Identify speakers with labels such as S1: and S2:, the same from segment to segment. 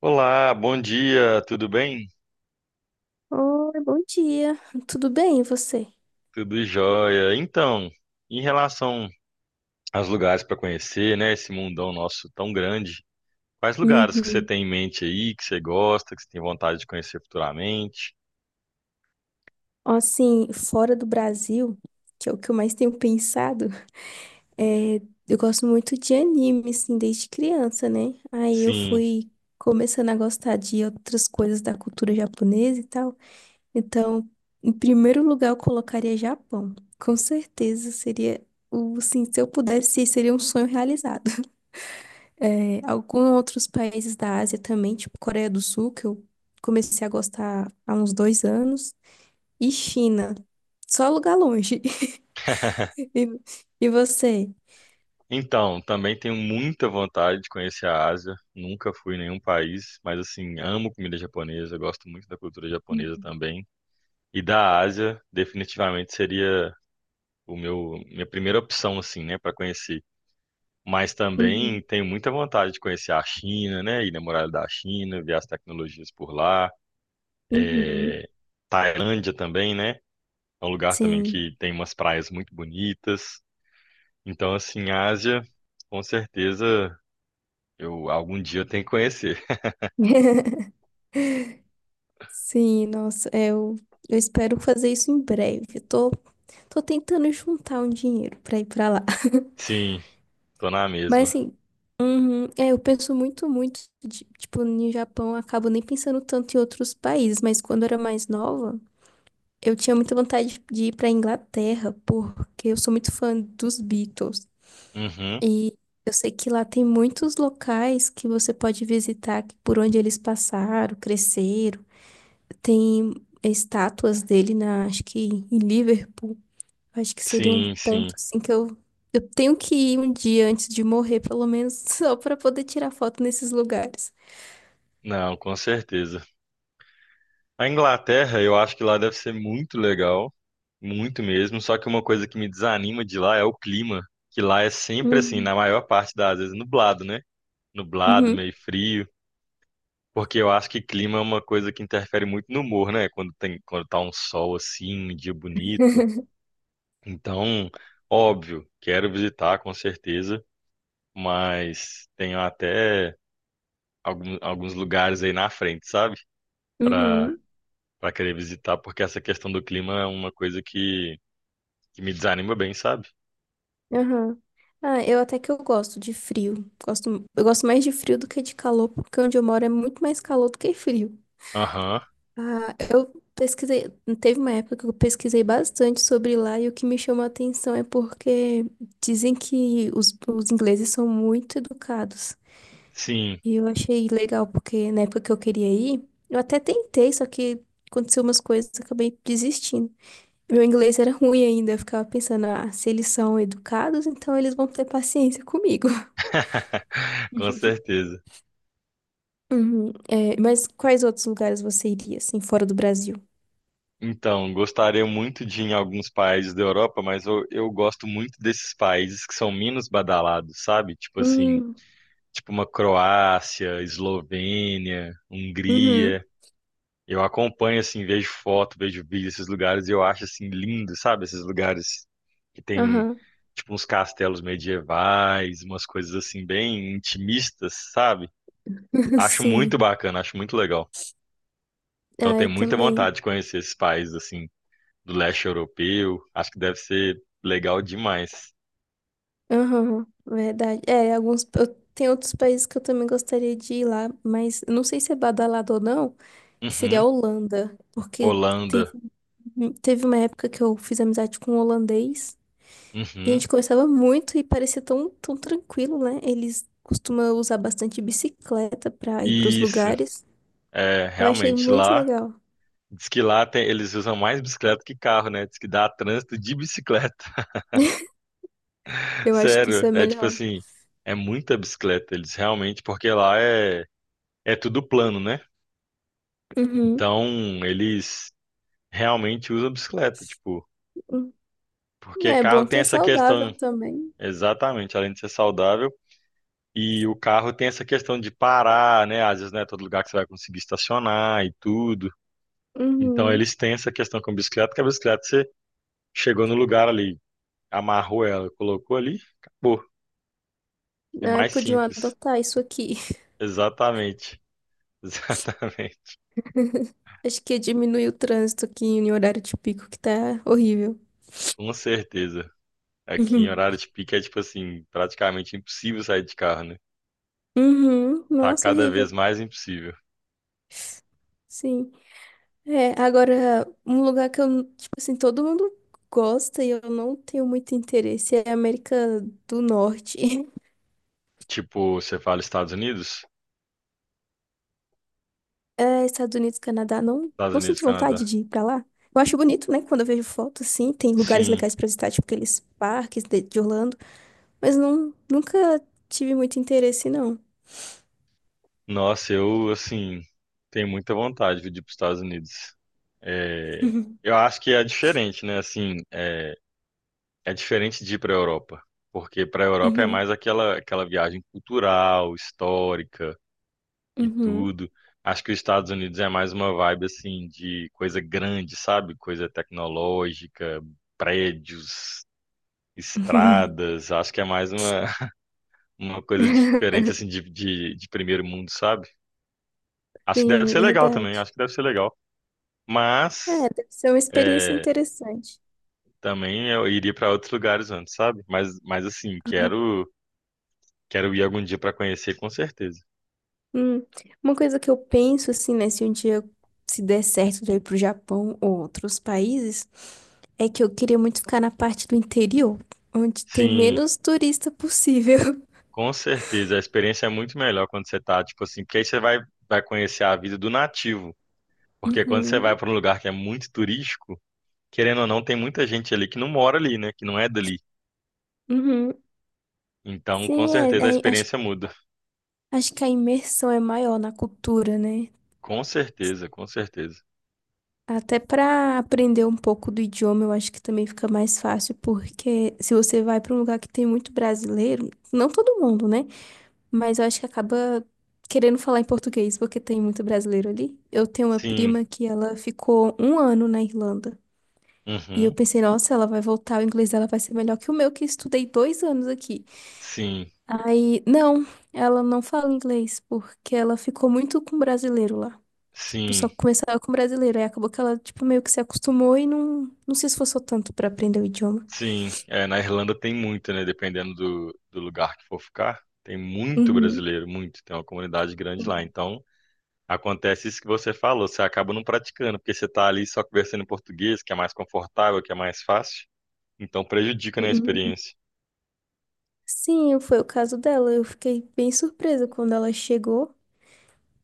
S1: Olá, bom dia, tudo bem?
S2: Oi, bom dia. Tudo bem, e você?
S1: Tudo jóia. Então, em relação aos lugares para conhecer, né, esse mundão nosso tão grande, quais lugares que você
S2: Uhum.
S1: tem em mente aí, que você gosta, que você tem vontade de conhecer futuramente?
S2: Assim, fora do Brasil, que é o que eu mais tenho pensado, é, eu gosto muito de anime, assim, desde criança, né? Aí eu
S1: Sim.
S2: fui começando a gostar de outras coisas da cultura japonesa e tal. Então, em primeiro lugar, eu colocaria Japão. Com certeza seria o, assim, se eu pudesse, seria um sonho realizado. É, alguns outros países da Ásia também, tipo Coreia do Sul, que eu comecei a gostar há uns 2 anos, e China. Só lugar longe. E, e você?
S1: Então, também tenho muita vontade de conhecer a Ásia. Nunca fui em nenhum país, mas assim, amo comida japonesa, gosto muito da cultura japonesa também. E da Ásia, definitivamente seria o meu minha primeira opção assim, né, para conhecer. Mas também
S2: Uhum.
S1: tenho muita vontade de conhecer a China, né? Ir na muralha da China, ver as tecnologias por lá.
S2: Uhum.
S1: Tailândia também, né? É um lugar também
S2: Sim.
S1: que tem umas praias muito bonitas. Então, assim, a Ásia, com certeza, eu algum dia eu tenho que conhecer.
S2: Sim, nossa, eu espero fazer isso em breve. Tô tentando juntar um dinheiro pra ir pra lá.
S1: Sim, tô na
S2: Mas
S1: mesma.
S2: assim, uhum, é, eu penso muito, muito, tipo, no Japão, eu acabo nem pensando tanto em outros países, mas quando eu era mais nova. Eu tinha muita vontade de ir para Inglaterra, porque eu sou muito fã dos Beatles.
S1: Uhum.
S2: E eu sei que lá tem muitos locais que você pode visitar, por onde eles passaram, cresceram. Tem estátuas dele na, acho que em Liverpool. Acho que seria um
S1: Sim,
S2: ponto
S1: sim.
S2: assim que eu tenho que ir um dia antes de morrer, pelo menos, só para poder tirar foto nesses lugares.
S1: Não, com certeza. A Inglaterra, eu acho que lá deve ser muito legal, muito mesmo. Só que uma coisa que me desanima de lá é o clima, que lá é sempre assim,
S2: Uhum.
S1: na maior parte das vezes nublado, né? Nublado,
S2: Uhum.
S1: meio frio, porque eu acho que clima é uma coisa que interfere muito no humor, né? Quando tem, quando tá um sol assim, um dia bonito. Então, óbvio, quero visitar com certeza, mas tenho até alguns lugares aí na frente, sabe? Para
S2: Uhum.
S1: para querer visitar, porque essa questão do clima é uma coisa que me desanima bem, sabe?
S2: Aham. Ah, eu até que eu gosto de frio. Gosto, eu gosto mais de frio do que de calor, porque onde eu moro é muito mais calor do que frio.
S1: Aham,
S2: Ah, eu pesquisei, teve uma época que eu pesquisei bastante sobre lá e o que me chamou a atenção é porque dizem que os ingleses são muito educados.
S1: sim.
S2: E eu achei legal, porque na época que eu queria ir, eu até tentei, só que aconteceu umas coisas, eu acabei desistindo. Meu inglês era ruim ainda, eu ficava pensando, ah, se eles são educados, então eles vão ter paciência comigo.
S1: Com certeza.
S2: Uhum. É, mas quais outros lugares você iria, assim, fora do Brasil?
S1: Então, gostaria muito de ir em alguns países da Europa, mas eu gosto muito desses países que são menos badalados, sabe? Tipo assim,
S2: Hum,
S1: tipo uma Croácia, Eslovênia,
S2: uhum,
S1: Hungria. Eu acompanho assim, vejo foto, vejo vídeo desses lugares e eu acho assim lindo, sabe? Esses lugares que tem
S2: aham.
S1: tipo uns castelos medievais, umas coisas assim bem intimistas, sabe? Acho muito
S2: Sim.
S1: bacana, acho muito legal. Então,
S2: Ah, eu
S1: tenho muita
S2: também.
S1: vontade de conhecer esses países assim. Do leste europeu. Acho que deve ser legal demais.
S2: Aham, verdade. É, alguns. Tem outros países que eu também gostaria de ir lá, mas eu não sei se é badalado ou não, que seria
S1: Uhum.
S2: a Holanda. Porque teve,
S1: Holanda.
S2: teve uma época que eu fiz amizade com um holandês e a
S1: Uhum.
S2: gente conversava muito e parecia tão, tão tranquilo, né? Eles costumam usar bastante bicicleta pra ir pros
S1: Isso.
S2: lugares.
S1: É,
S2: Eu achei
S1: realmente
S2: muito
S1: lá.
S2: legal.
S1: Diz que lá tem- eles usam mais bicicleta que carro, né? Diz que dá trânsito de bicicleta.
S2: Eu acho que isso
S1: Sério,
S2: é
S1: é tipo
S2: melhor.
S1: assim, é muita bicicleta. Eles realmente, porque lá é, é tudo plano, né?
S2: Uhum.
S1: Então eles realmente usam bicicleta, tipo, porque
S2: É
S1: carro
S2: bom que
S1: tem
S2: é
S1: essa
S2: saudável
S1: questão,
S2: também.
S1: exatamente, além de ser saudável. E o carro tem essa questão de parar, né? Às vezes não é todo lugar que você vai conseguir estacionar e tudo. Então
S2: Uhum.
S1: eles têm essa questão com a bicicleta, que a bicicleta você chegou no lugar ali, amarrou ela, colocou ali, acabou. É
S2: Ai,
S1: mais
S2: podiam
S1: simples.
S2: adotar isso aqui.
S1: Exatamente. Exatamente.
S2: Acho que diminui o trânsito aqui em horário de pico, que tá horrível.
S1: Com certeza. Aqui em
S2: Uhum.
S1: horário de pico é tipo assim, praticamente impossível sair de carro, né?
S2: Uhum.
S1: Tá
S2: Nossa,
S1: cada
S2: horrível.
S1: vez mais impossível.
S2: Sim. É, agora, um lugar que eu, tipo assim, todo mundo gosta e eu não tenho muito interesse é a América do Norte.
S1: Tipo, você fala Estados Unidos?
S2: É, Estados Unidos, Canadá, não,
S1: Estados
S2: não
S1: Unidos,
S2: sinto vontade
S1: Canadá.
S2: de ir pra lá. Eu acho bonito, né? Quando eu vejo foto, assim, tem lugares
S1: Sim.
S2: legais pra visitar, tipo aqueles parques de Orlando, mas não, nunca tive muito interesse, não.
S1: Nossa, eu, assim, tenho muita vontade de ir para os Estados Unidos. É, eu acho que é diferente, né? Assim, é, é diferente de ir para a Europa, porque para a Europa é
S2: Uhum,
S1: mais aquela, aquela viagem cultural, histórica e
S2: uhum,
S1: tudo. Acho que os Estados Unidos é mais uma vibe, assim, de coisa grande, sabe? Coisa tecnológica, prédios,
S2: uhum.
S1: estradas. Acho que é mais uma, uma coisa diferente, assim, de primeiro mundo, sabe? Acho que deve
S2: Sim,
S1: ser legal também,
S2: verdade.
S1: acho que deve ser legal.
S2: É,
S1: Mas
S2: deve ser uma experiência
S1: é,
S2: interessante.
S1: também eu iria para outros lugares antes, sabe? Mas assim, quero, quero ir algum dia para conhecer, com certeza.
S2: Hum, uma coisa que eu penso, assim, né, se um dia se der certo de eu ir pro Japão ou outros países, é que eu queria muito ficar na parte do interior, onde tem
S1: Sim,
S2: menos turista possível.
S1: com certeza. A experiência é muito melhor quando você tá, tipo assim, porque aí você vai, vai conhecer a vida do nativo. Porque quando você vai
S2: Uhum,
S1: para um lugar que é muito turístico, querendo ou não, tem muita gente ali que não mora ali, né? Que não é dali.
S2: uhum.
S1: Então, com
S2: Sim,
S1: certeza a experiência muda.
S2: acho que a imersão é maior na cultura, né?
S1: Com certeza, com certeza.
S2: Até pra aprender um pouco do idioma, eu acho que também fica mais fácil, porque se você vai pra um lugar que tem muito brasileiro, não todo mundo, né? Mas eu acho que acaba querendo falar em português, porque tem muito brasileiro ali. Eu tenho uma
S1: Sim,
S2: prima que ela ficou 1 ano na Irlanda. E eu
S1: uhum,
S2: pensei, nossa, ela vai voltar, o inglês dela vai ser melhor que o meu, que estudei 2 anos aqui.
S1: sim,
S2: Aí, não, ela não fala inglês, porque ela ficou muito com brasileiro lá. Tipo,
S1: sim.
S2: só começava com brasileiro. Aí acabou que ela, tipo, meio que se acostumou e não se esforçou tanto pra aprender o idioma.
S1: Sim, é, na Irlanda tem muito, né? Dependendo do lugar que for ficar, tem muito
S2: Uhum.
S1: brasileiro, muito. Tem uma comunidade grande lá. Então, acontece isso que você falou, você acaba não praticando, porque você tá ali só conversando em português, que é mais confortável, que é mais fácil. Então, prejudica, né, a
S2: Uhum.
S1: experiência.
S2: Sim, foi o caso dela. Eu fiquei bem surpresa quando ela chegou.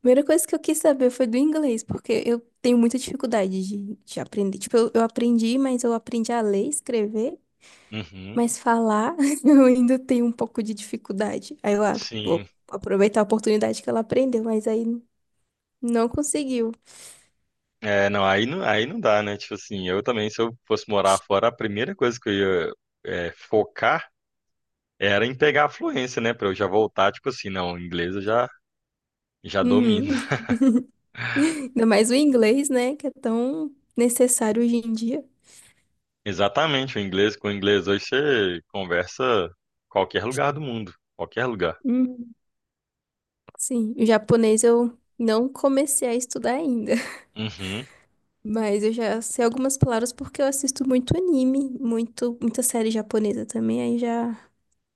S2: Primeira coisa que eu quis saber foi do inglês, porque eu tenho muita dificuldade de aprender. Eu aprendi, mas eu aprendi a ler, escrever,
S1: Uhum,
S2: mas falar eu ainda tenho um pouco de dificuldade. Aí eu, ah,
S1: sim.
S2: vou aproveitar a oportunidade que ela aprendeu, mas aí não conseguiu.
S1: É, não, aí não dá, né? Tipo assim, eu também, se eu fosse morar fora, a primeira coisa que eu ia, é, focar era em pegar a fluência, né? Pra eu já voltar, tipo assim, não, inglês eu já domino.
S2: Uhum. Ainda mais o inglês, né, que é tão necessário hoje em dia.
S1: Exatamente, o inglês com o inglês hoje você conversa qualquer lugar do mundo, qualquer lugar.
S2: Uhum. Sim, o japonês eu não comecei a estudar ainda.
S1: Uhum,
S2: Mas eu já sei algumas palavras porque eu assisto muito anime, muito, muita série japonesa também, aí já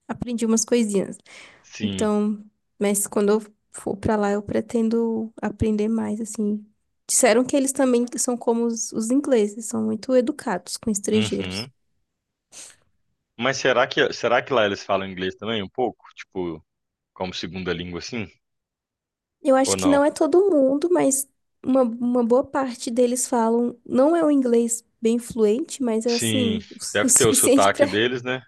S2: aprendi umas coisinhas.
S1: sim,
S2: Então, mas quando eu for pra lá, eu pretendo aprender mais, assim. Disseram que eles também são como os ingleses, são muito educados com estrangeiros.
S1: uhum. Mas será que lá eles falam inglês também um pouco, tipo, como segunda língua assim?
S2: Eu
S1: Ou
S2: acho que
S1: não?
S2: não é todo mundo, mas uma boa parte deles falam, não é um inglês bem fluente, mas é
S1: Sim,
S2: assim, o
S1: deve ter o
S2: suficiente
S1: sotaque deles, né?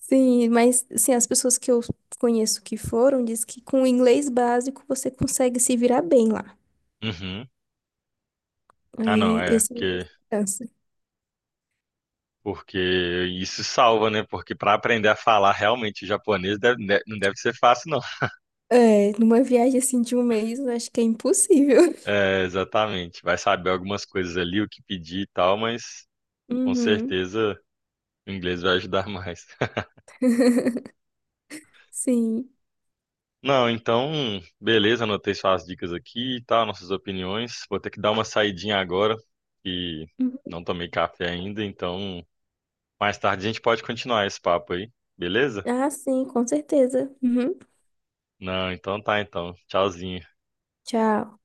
S2: Sim, mas assim, as pessoas que eu conheço que foram diz que com o inglês básico você consegue se virar bem lá.
S1: Uhum. Ah, não,
S2: Aí
S1: é,
S2: esse é a minha
S1: porque
S2: esperança.
S1: porque isso salva, né? Porque para aprender a falar realmente japonês não deve ser fácil, não.
S2: É, numa viagem assim de 1 mês, eu acho que é impossível.
S1: É, exatamente. Vai saber algumas coisas ali, o que pedir e tal, mas com
S2: Uhum.
S1: certeza o inglês vai ajudar mais.
S2: Sim.
S1: Não, então, beleza, anotei suas dicas aqui e tal, nossas opiniões. Vou ter que dar uma saidinha agora e
S2: Uhum.
S1: não tomei café ainda, então mais tarde a gente pode continuar esse papo aí, beleza?
S2: Ah, sim, com certeza. Uhum.
S1: Não, então tá, então. Tchauzinho.
S2: Tchau.